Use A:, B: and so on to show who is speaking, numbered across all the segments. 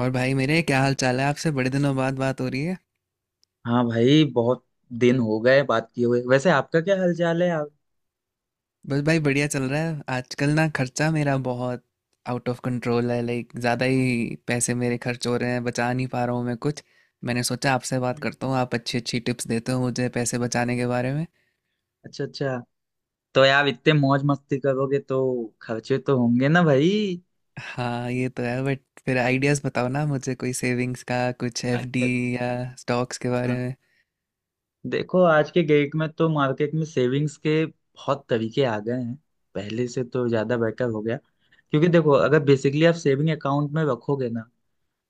A: और भाई मेरे क्या हाल चाल है? आपसे बड़े दिनों बाद बात हो रही है।
B: हाँ भाई, बहुत दिन हो गए बात किए हुए। वैसे आपका क्या हालचाल है आप?
A: बस भाई बढ़िया चल रहा है। आजकल ना, खर्चा मेरा बहुत आउट ऑफ कंट्रोल है। लाइक ज़्यादा ही पैसे मेरे खर्च हो रहे हैं, बचा नहीं पा रहा हूँ मैं कुछ। मैंने सोचा आपसे बात
B: हम्म।
A: करता हूँ, आप अच्छी अच्छी टिप्स देते हो मुझे पैसे बचाने के बारे में।
B: अच्छा, अच्छा। तो यार, इतने मौज मस्ती करोगे तो खर्चे तो होंगे ना भाई।
A: हाँ, ये तो है, बट फिर आइडियाज़ बताओ ना मुझे, कोई सेविंग्स का कुछ, एफडी
B: अच्छा,
A: या स्टॉक्स
B: अच्छा,
A: के बारे
B: हाँ।
A: में।
B: देखो, आज के डेट में तो मार्केट में सेविंग्स के बहुत तरीके आ गए हैं, पहले से तो ज्यादा बेटर हो गया। क्योंकि देखो, अगर बेसिकली आप सेविंग अकाउंट में रखोगे ना,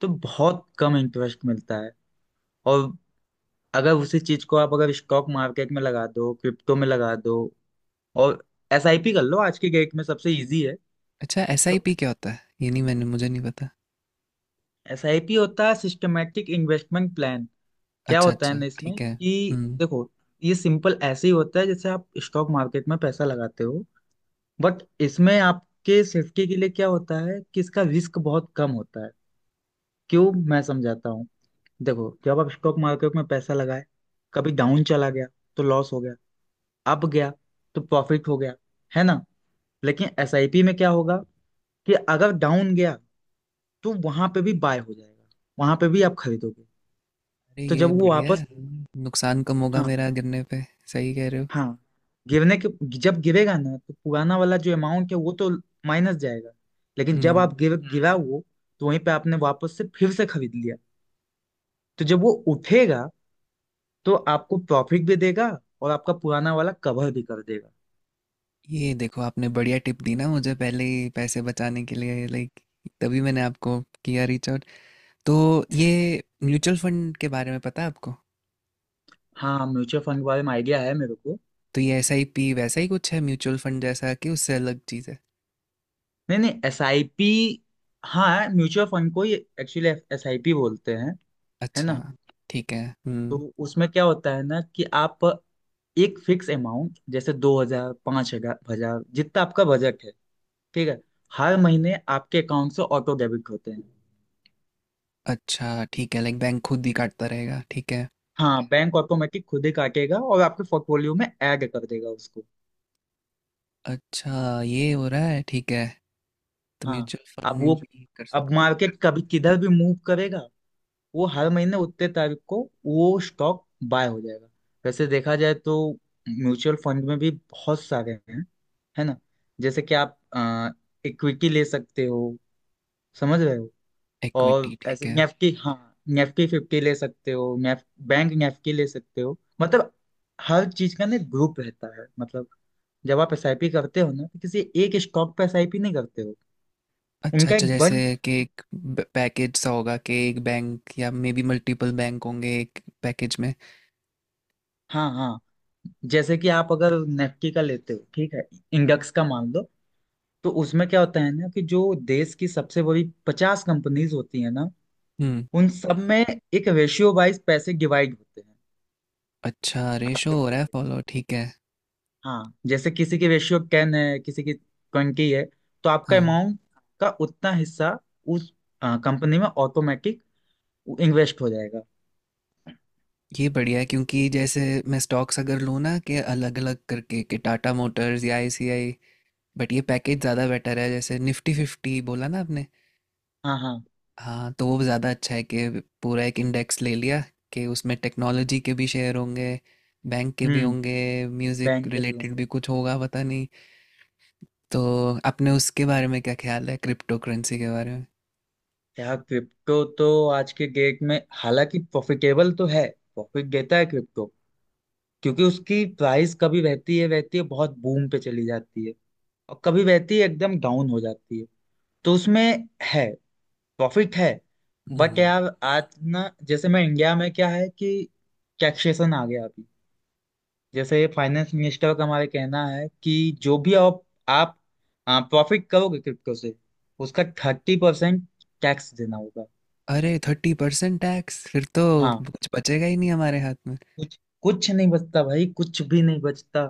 B: तो बहुत कम इंटरेस्ट मिलता है। और अगर उसी चीज को आप अगर स्टॉक मार्केट में लगा दो, क्रिप्टो में लगा दो, और SIP कर लो, आज के डेट में सबसे इजी है।
A: अच्छा,
B: तो
A: एसआईपी क्या होता है? ये नहीं मैंने मुझे नहीं पता।
B: SIP होता है सिस्टमेटिक इन्वेस्टमेंट प्लान। क्या
A: अच्छा
B: होता है
A: अच्छा,
B: ना इसमें
A: ठीक है।
B: कि
A: हम्म।
B: देखो, ये सिंपल ऐसे ही होता है जैसे आप स्टॉक मार्केट में पैसा लगाते हो। बट इसमें आपके सेफ्टी के लिए क्या होता है कि इसका रिस्क बहुत कम होता है। क्यों, मैं समझाता हूँ। देखो, जब आप स्टॉक मार्केट में पैसा लगाए, कभी डाउन चला गया तो लॉस हो गया, अप गया तो प्रॉफिट हो गया, है ना। लेकिन SIP में क्या होगा कि अगर डाउन गया, तो वहां पे भी बाय हो जाएगा, वहां पे भी आप खरीदोगे।
A: अरे
B: तो
A: ये
B: जब वो
A: बढ़िया है,
B: वापस,
A: नुकसान कम होगा
B: हाँ,
A: मेरा गिरने पे। सही कह रहे हो।
B: हाँ, गिरने के, जब गिरेगा ना तो पुराना वाला जो अमाउंट है वो तो माइनस जाएगा। लेकिन जब आप
A: हम्म।
B: गिरा वो, तो वहीं पे आपने वापस से फिर से खरीद लिया, तो जब वो उठेगा तो आपको प्रॉफिट भी देगा, और आपका पुराना वाला कवर भी कर देगा।
A: ये देखो आपने बढ़िया टिप दी ना मुझे पहले ही पैसे बचाने के लिए, लाइक तभी मैंने आपको किया रीच आउट। तो ये म्यूचुअल फंड के बारे में पता है आपको?
B: हाँ, म्यूचुअल फंड के बारे में आइडिया है मेरे को।
A: तो ये एस आई पी वैसा ही कुछ है म्यूचुअल फंड जैसा, कि उससे अलग चीज़ है?
B: नहीं नहीं, SIP, हाँ म्यूचुअल फंड को ही एक्चुअली SIP बोलते हैं, है
A: अच्छा,
B: ना।
A: ठीक है।
B: तो
A: हम्म।
B: उसमें क्या होता है ना कि आप एक फिक्स अमाउंट, जैसे 2,000, 5,000, 1,000, जितना आपका बजट है, ठीक है, हर महीने आपके अकाउंट से ऑटो डेबिट होते हैं।
A: अच्छा ठीक है, लाइक बैंक खुद ही काटता रहेगा, ठीक है।
B: हाँ बैंक ऑटोमेटिक खुद ही काटेगा और आपके पोर्टफोलियो में ऐड कर देगा उसको।
A: अच्छा, ये हो रहा है, ठीक है। तो
B: हाँ।
A: म्यूचुअल
B: अब
A: फंड
B: वो
A: भी कर
B: अब
A: सकते हैं।
B: मार्केट कभी किधर भी मूव करेगा, वो हर महीने उतने तारीख को वो स्टॉक बाय हो जाएगा। वैसे देखा जाए तो म्यूचुअल फंड में भी बहुत सारे हैं, है ना। जैसे कि आप इक्विटी ले सकते हो, समझ रहे हो, और
A: इक्विटी, ठीक
B: ऐसे
A: है।
B: नेफ्टी, हाँ Nifty 50 ले सकते हो, नेफ बैंक नेफ्टी ले सकते हो, मतलब हर चीज का ना ग्रुप रहता है। मतलब जब आप SIP करते हो ना तो किसी एक स्टॉक पे SIP नहीं करते हो,
A: अच्छा
B: उनका
A: अच्छा,
B: एक
A: जैसे
B: बंच,
A: कि
B: एक,
A: एक पैकेज सा होगा कि एक बैंक या मे बी मल्टीपल बैंक होंगे एक पैकेज में।
B: हाँ हाँ। जैसे कि आप अगर निफ्टी का लेते हो, ठीक है, इंडेक्स का मान लो, तो उसमें क्या होता है ना कि जो देश की सबसे बड़ी 50 कंपनीज होती है ना,
A: हम्म।
B: उन सब में एक रेशियो वाइज पैसे डिवाइड होते हैं,
A: अच्छा, रेशो
B: आपके
A: हो रहा है
B: पैसे।
A: फॉलो, ठीक है।
B: हाँ जैसे किसी की रेशियो टेन है, किसी की ट्वेंटी है, तो आपका
A: हाँ,
B: अमाउंट का उतना हिस्सा उस कंपनी में ऑटोमेटिक इन्वेस्ट हो जाएगा।
A: ये बढ़िया है क्योंकि जैसे मैं स्टॉक्स अगर लूँ ना, कि अलग अलग करके, कि टाटा मोटर्स या आईसीआई। बट ये पैकेज ज़्यादा बेटर है, जैसे निफ्टी फिफ्टी बोला ना आपने।
B: हाँ, हाँ।
A: हाँ, तो वो ज़्यादा अच्छा है कि पूरा एक इंडेक्स ले लिया, कि उसमें टेक्नोलॉजी के भी शेयर होंगे, बैंक के भी
B: हम्म।
A: होंगे, म्यूज़िक
B: बैंक के भी
A: रिलेटेड
B: होंगे।
A: भी कुछ होगा, पता नहीं। तो आपने उसके बारे में क्या ख्याल है, क्रिप्टो करेंसी के बारे में?
B: यार क्रिप्टो तो आज के डेट में हालांकि प्रॉफिटेबल तो है, प्रॉफिट देता है क्रिप्टो, क्योंकि उसकी प्राइस कभी रहती है बहुत बूम पे चली जाती है, और कभी रहती है एकदम डाउन हो जाती है। तो उसमें है, प्रॉफिट है। बट
A: हम्म
B: यार आज ना, जैसे मैं, इंडिया में क्या है कि टैक्सेशन आ गया अभी। जैसे फाइनेंस मिनिस्टर का हमारे कहना है कि जो भी आप प्रॉफिट करोगे क्रिप्टो से, उसका 30% टैक्स देना होगा।
A: अरे 30% टैक्स? फिर तो
B: हाँ,
A: कुछ बचेगा ही नहीं हमारे हाथ में।
B: कुछ कुछ नहीं बचता भाई, कुछ भी नहीं बचता।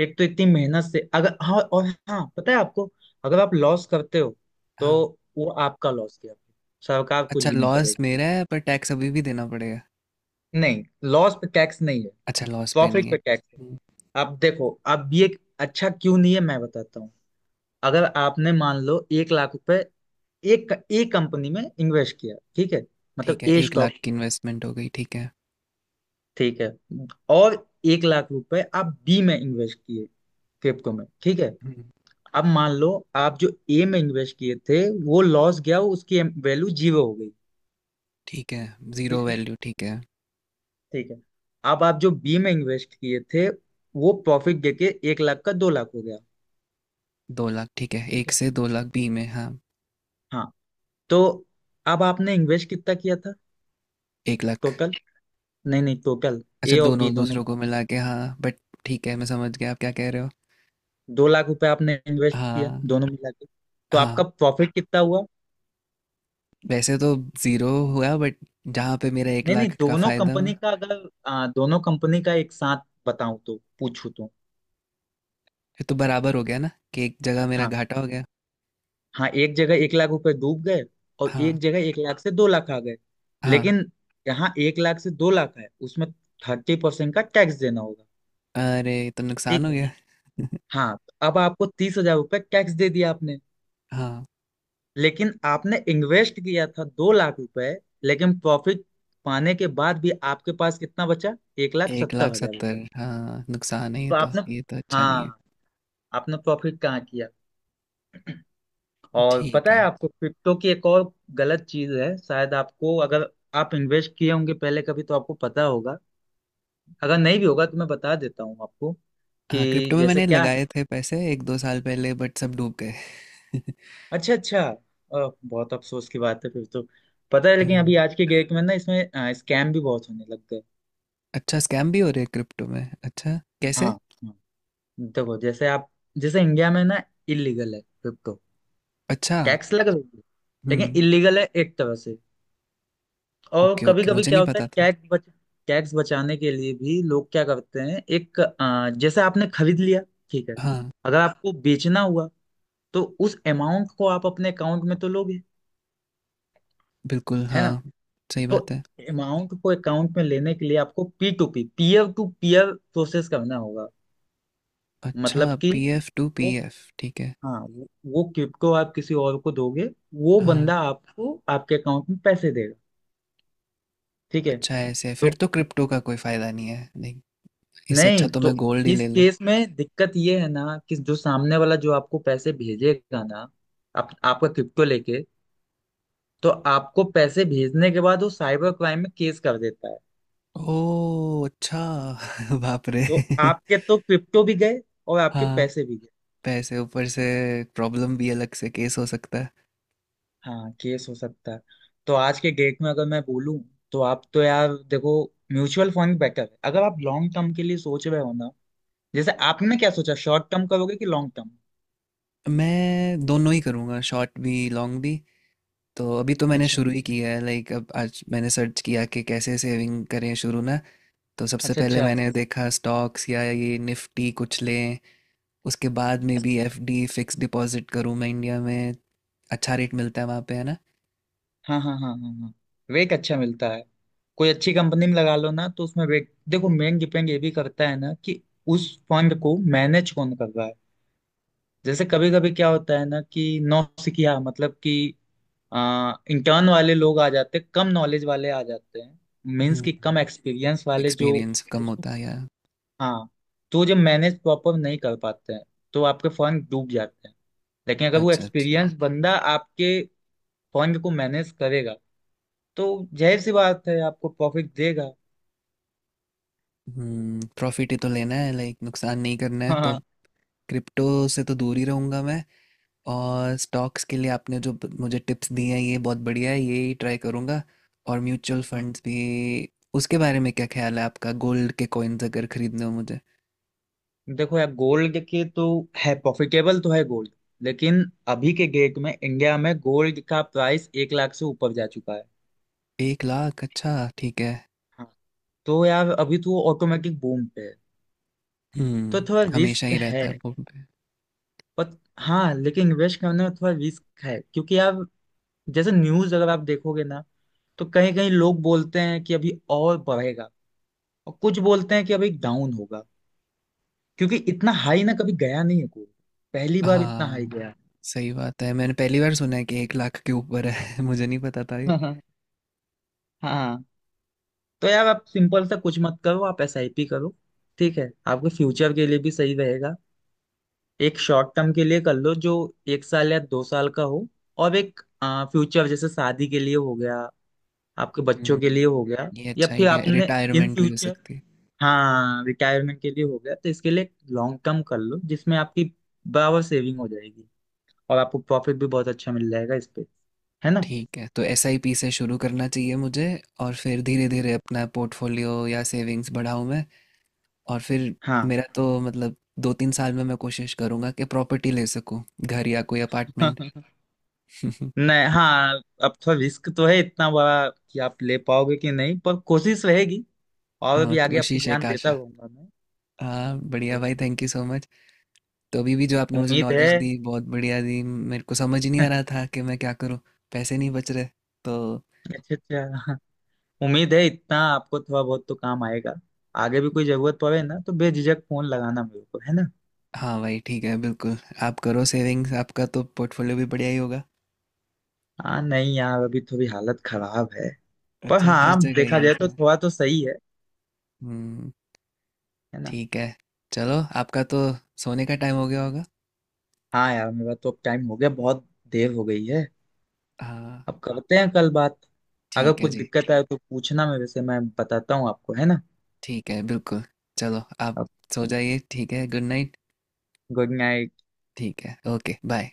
B: एक तो इतनी मेहनत से, अगर, हाँ, और हाँ पता है आपको, अगर आप लॉस करते हो, तो
A: हाँ।
B: वो आपका लॉस गया, सरकार कुछ
A: अच्छा,
B: भी नहीं
A: लॉस
B: करेगी।
A: मेरा है पर टैक्स अभी भी देना पड़ेगा?
B: नहीं, लॉस पे टैक्स नहीं है,
A: अच्छा, लॉस पे
B: प्रॉफिट
A: नहीं है।
B: पे टैक्स।
A: हम्म,
B: अब देखो, अब ये, अच्छा क्यों नहीं है मैं बताता हूँ। अगर आपने मान लो 1 लाख रुपए, एक एक कंपनी में इन्वेस्ट किया, ठीक है,
A: ठीक
B: मतलब
A: है।
B: ए
A: एक
B: स्टॉक,
A: लाख की इन्वेस्टमेंट हो गई, ठीक है।
B: ठीक है। और 1 लाख रुपए आप बी में इन्वेस्ट किए, क्रिप्टो में, ठीक है।
A: हम्म,
B: अब मान लो आप जो ए में इन्वेस्ट किए थे वो लॉस गया, उसकी वैल्यू जीरो हो गई,
A: ठीक है। जीरो
B: ठीक है,
A: वैल्यू, ठीक है।
B: ठीक है। अब आप जो बी में इन्वेस्ट किए थे, वो प्रॉफिट देके 1 लाख का 2 लाख हो गया,
A: दो लाख ठीक है,
B: ठीक
A: एक
B: है,
A: से दो लाख बी में, हाँ।
B: हाँ। तो अब आपने इन्वेस्ट कितना किया था
A: 1 लाख।
B: टोटल? नहीं नहीं, टोटल
A: अच्छा,
B: ए और बी
A: दोनों
B: दोनों,
A: दूसरों को मिला के, हाँ। बट ठीक है, मैं समझ गया आप क्या कह रहे हो।
B: 2 लाख रुपए आपने इन्वेस्ट किया
A: हाँ।
B: दोनों मिला के। तो
A: हाँ,
B: आपका प्रॉफिट कितना हुआ?
A: वैसे तो जीरो हुआ, बट जहाँ पे मेरा एक
B: नहीं नहीं,
A: लाख का
B: दोनों
A: फायदा हुआ,
B: कंपनी का, अगर आ, दोनों कंपनी का एक साथ बताऊं तो, पूछूं तो।
A: फिर तो बराबर हो गया ना, कि एक जगह मेरा
B: हाँ
A: घाटा हो गया।
B: हाँ, एक जगह 1 लाख रुपए डूब गए, और
A: हाँ।
B: एक जगह 1 लाख से 2 लाख आ गए।
A: हाँ।
B: लेकिन यहाँ 1 लाख से 2 लाख है उसमें 30% का टैक्स देना होगा,
A: अरे ये तो नुकसान
B: ठीक
A: हो
B: है,
A: गया।
B: हाँ। अब आपको 30,000 रुपये टैक्स दे दिया आपने,
A: हाँ।
B: लेकिन आपने इन्वेस्ट किया था 2 लाख रुपए। लेकिन प्रॉफिट पाने के बाद भी आपके पास कितना बचा? एक लाख
A: एक
B: सत्तर
A: लाख
B: हजार रुपये
A: सत्तर हाँ नुकसान है ये
B: तो
A: तो,
B: आपने,
A: ये तो अच्छा नहीं है।
B: हाँ, आपने प्रॉफिट कहाँ किया? और
A: ठीक
B: पता है
A: है।
B: आपको क्रिप्टो की एक और गलत चीज है, शायद आपको, अगर आप इन्वेस्ट किए होंगे पहले कभी तो आपको पता होगा, अगर नहीं भी होगा तो मैं बता देता हूँ आपको,
A: हाँ,
B: कि
A: क्रिप्टो में
B: जैसे
A: मैंने
B: क्या
A: लगाए
B: है।
A: थे पैसे एक दो साल पहले, बट सब डूब गए।
B: अच्छा अच्छा, बहुत अफसोस की बात है फिर तो। पता है लेकिन
A: हम्म,
B: अभी आज के डेट में ना इसमें स्कैम भी बहुत होने लग गए।
A: अच्छा, स्कैम भी हो रहे हैं क्रिप्टो में? अच्छा,
B: हाँ,
A: कैसे?
B: हाँ। देखो जैसे आप, जैसे इंडिया में ना इलीगल है क्रिप्टो,
A: अच्छा।
B: टैक्स लग रही है लेकिन
A: हम्म।
B: इलीगल है एक तरह से। और
A: ओके
B: कभी
A: ओके,
B: कभी
A: मुझे
B: क्या
A: नहीं
B: होता है
A: पता था।
B: टैक्स बच, टैक्स बचाने के लिए भी लोग क्या करते हैं, जैसे आपने खरीद लिया, ठीक है,
A: हाँ,
B: अगर आपको बेचना हुआ, तो उस अमाउंट को आप अपने अकाउंट में तो लोगे,
A: बिल्कुल
B: है
A: हाँ।
B: ना।
A: सही
B: तो
A: बात है।
B: अमाउंट को अकाउंट में लेने के लिए आपको P2P, peer to peer process करना होगा।
A: अच्छा,
B: मतलब कि
A: पीएफ
B: वो,
A: टू पीएफ ठीक है।
B: हाँ, वो क्रिप्टो आप किसी और को दोगे, वो
A: हाँ।
B: बंदा आपको आपके अकाउंट में पैसे देगा, ठीक है।
A: अच्छा, ऐसे है?
B: तो
A: फिर तो क्रिप्टो का कोई फायदा नहीं है, नहीं, इससे अच्छा
B: नहीं,
A: तो मैं
B: तो
A: गोल्ड ही
B: इस
A: ले लूँ।
B: केस में दिक्कत ये है ना कि जो सामने वाला, जो आपको पैसे भेजेगा ना, आप, आपका क्रिप्टो लेके, तो आपको पैसे भेजने के बाद वो साइबर क्राइम में केस कर देता है।
A: ओ अच्छा। बाप रे।
B: तो आपके तो क्रिप्टो भी गए और आपके
A: हाँ,
B: पैसे भी गए।
A: पैसे ऊपर से प्रॉब्लम भी, अलग से केस हो सकता है।
B: हाँ केस हो सकता है। तो आज के डेट में अगर मैं बोलूं, तो आप तो यार देखो, म्यूचुअल फंड बेटर है अगर आप लॉन्ग टर्म के लिए सोच रहे हो ना। जैसे आपने क्या सोचा, शॉर्ट टर्म करोगे कि लॉन्ग टर्म?
A: मैं दोनों ही करूँगा, शॉर्ट भी लॉन्ग भी। तो अभी तो मैंने
B: अच्छा,
A: शुरू ही किया है, लाइक अब आज मैंने सर्च किया कि कैसे सेविंग करें शुरू ना। तो सबसे
B: अच्छा,
A: पहले
B: अच्छा,
A: मैंने देखा स्टॉक्स या ये निफ्टी कुछ लें। उसके बाद में भी
B: अच्छा।
A: एफडी, फिक्स डिपॉजिट करूँ मैं इंडिया में। अच्छा रेट मिलता है वहाँ पे, है ना?
B: हाँ हाँ हाँ हाँ हाँ, वेक अच्छा मिलता है। कोई अच्छी कंपनी में लगा लो ना, तो उसमें वेक, देखो मेन डिपेंड ये भी करता है ना कि उस फंड को मैनेज कौन कर रहा है। जैसे कभी कभी क्या होता है ना कि नौसिखिया, मतलब कि, इंटर्न वाले लोग आ जाते हैं, कम नॉलेज वाले आ जाते हैं, मीन्स कि कम एक्सपीरियंस वाले, जो,
A: एक्सपीरियंस कम होता है, या?
B: हाँ। तो जब मैनेज प्रॉपर नहीं कर पाते हैं, तो आपके फंड डूब जाते हैं। लेकिन अगर वो
A: अच्छा अच्छा।
B: एक्सपीरियंस बंदा आपके फंड को मैनेज करेगा, तो जाहिर सी बात है आपको प्रॉफिट देगा।
A: प्रॉफिट ही तो लेना है, लाइक नुकसान नहीं करना है। तो
B: हाँ,
A: अब क्रिप्टो से तो दूर ही रहूँगा मैं। और स्टॉक्स के लिए आपने जो मुझे टिप्स दिए हैं, ये बहुत बढ़िया है, ये ही ट्राई करूँगा। और म्यूचुअल
B: हाँ।
A: फंड्स भी। उसके बारे में क्या ख्याल है आपका, गोल्ड के कॉइन्स अगर खरीदने हो मुझे?
B: देखो यार गोल्ड के तो, है, प्रॉफिटेबल तो है गोल्ड, लेकिन अभी के डेट में इंडिया में गोल्ड का प्राइस 1 लाख से ऊपर जा चुका है।
A: 1 लाख? अच्छा, ठीक है।
B: हाँ। तो यार अभी तो वो ऑटोमेटिक बूम पे है, तो
A: हम्म
B: थोड़ा
A: हमेशा
B: रिस्क
A: ही रहता
B: है।
A: है वो।
B: पर हाँ, लेकिन इन्वेस्ट करने में थोड़ा रिस्क है क्योंकि यार जैसे न्यूज अगर आप देखोगे ना, तो कहीं कहीं लोग बोलते हैं कि अभी और बढ़ेगा, और कुछ बोलते हैं कि अभी डाउन होगा, क्योंकि इतना हाई ना कभी गया नहीं है कोई, पहली बार इतना हाई
A: हाँ
B: गया।
A: सही बात है, मैंने पहली बार सुना है कि 1 लाख के ऊपर है। मुझे नहीं पता था ये।
B: हाँ। तो यार आप सिंपल सा कुछ मत करो, आप एसआईपी करो। ठीक है, आपके फ्यूचर के लिए भी सही रहेगा। एक शॉर्ट टर्म के लिए कर लो जो 1 साल या 2 साल का हो, और एक फ्यूचर, जैसे शादी के लिए हो गया, आपके बच्चों के लिए हो
A: हम्म
B: गया,
A: ये
B: या
A: अच्छा
B: फिर
A: आइडिया,
B: आपने इन
A: रिटायरमेंट भी हो
B: फ्यूचर,
A: सकती है।
B: हाँ रिटायरमेंट के लिए हो गया, तो इसके लिए लॉन्ग टर्म कर लो, जिसमें आपकी बराबर सेविंग हो जाएगी, और आपको प्रॉफिट भी बहुत अच्छा मिल जाएगा इस पे, है ना।
A: ठीक है, तो एसआईपी से शुरू करना चाहिए मुझे। और फिर धीरे धीरे अपना पोर्टफोलियो या सेविंग्स बढ़ाऊं मैं। और फिर
B: हाँ
A: मेरा तो मतलब दो तीन साल में मैं कोशिश करूंगा कि प्रॉपर्टी ले सकूं, घर या कोई अपार्टमेंट।
B: नहीं हाँ, अब थोड़ा रिस्क तो है इतना बड़ा, कि आप ले पाओगे कि नहीं, पर कोशिश रहेगी। और
A: हाँ,
B: भी आगे आपको
A: कोशिश, एक
B: ज्ञान देता
A: आशा।
B: रहूंगा मैं।
A: हाँ बढ़िया
B: तो
A: भाई, थैंक यू सो मच। तो अभी भी जो आपने मुझे
B: उम्मीद है
A: नॉलेज दी, बहुत बढ़िया दी, मेरे को समझ ही नहीं आ रहा था कि मैं क्या करूँ, पैसे नहीं बच रहे तो।
B: अच्छा अच्छा, उम्मीद है इतना आपको थोड़ा बहुत तो काम आएगा। आगे भी कोई जरूरत पड़े ना तो बेझिझक फोन लगाना मेरे को, है ना।
A: हाँ भाई, ठीक है, बिल्कुल। आप करो सेविंग्स, आपका तो पोर्टफोलियो भी बढ़िया ही होगा।
B: हाँ नहीं यार, अभी थोड़ी हालत खराब है। पर
A: अच्छा, हर
B: हाँ,
A: जगह
B: देखा
A: ही
B: जाए
A: ऐसा
B: तो
A: है।
B: थोड़ा तो सही है
A: हम्म।
B: है ना।
A: ठीक है। चलो, आपका तो सोने का टाइम हो गया होगा।
B: हाँ यार मेरा तो अब टाइम हो गया, बहुत देर हो गई है।
A: हाँ।
B: अब करते हैं कल बात। अगर
A: ठीक है
B: कुछ
A: जी।
B: दिक्कत आए तो पूछना मेरे से, मैं बताता हूँ आपको, है ना।
A: ठीक है, बिल्कुल। चलो, आप
B: अब
A: सो जाइए, ठीक है, गुड नाइट।
B: Good night.
A: ठीक है, ओके बाय।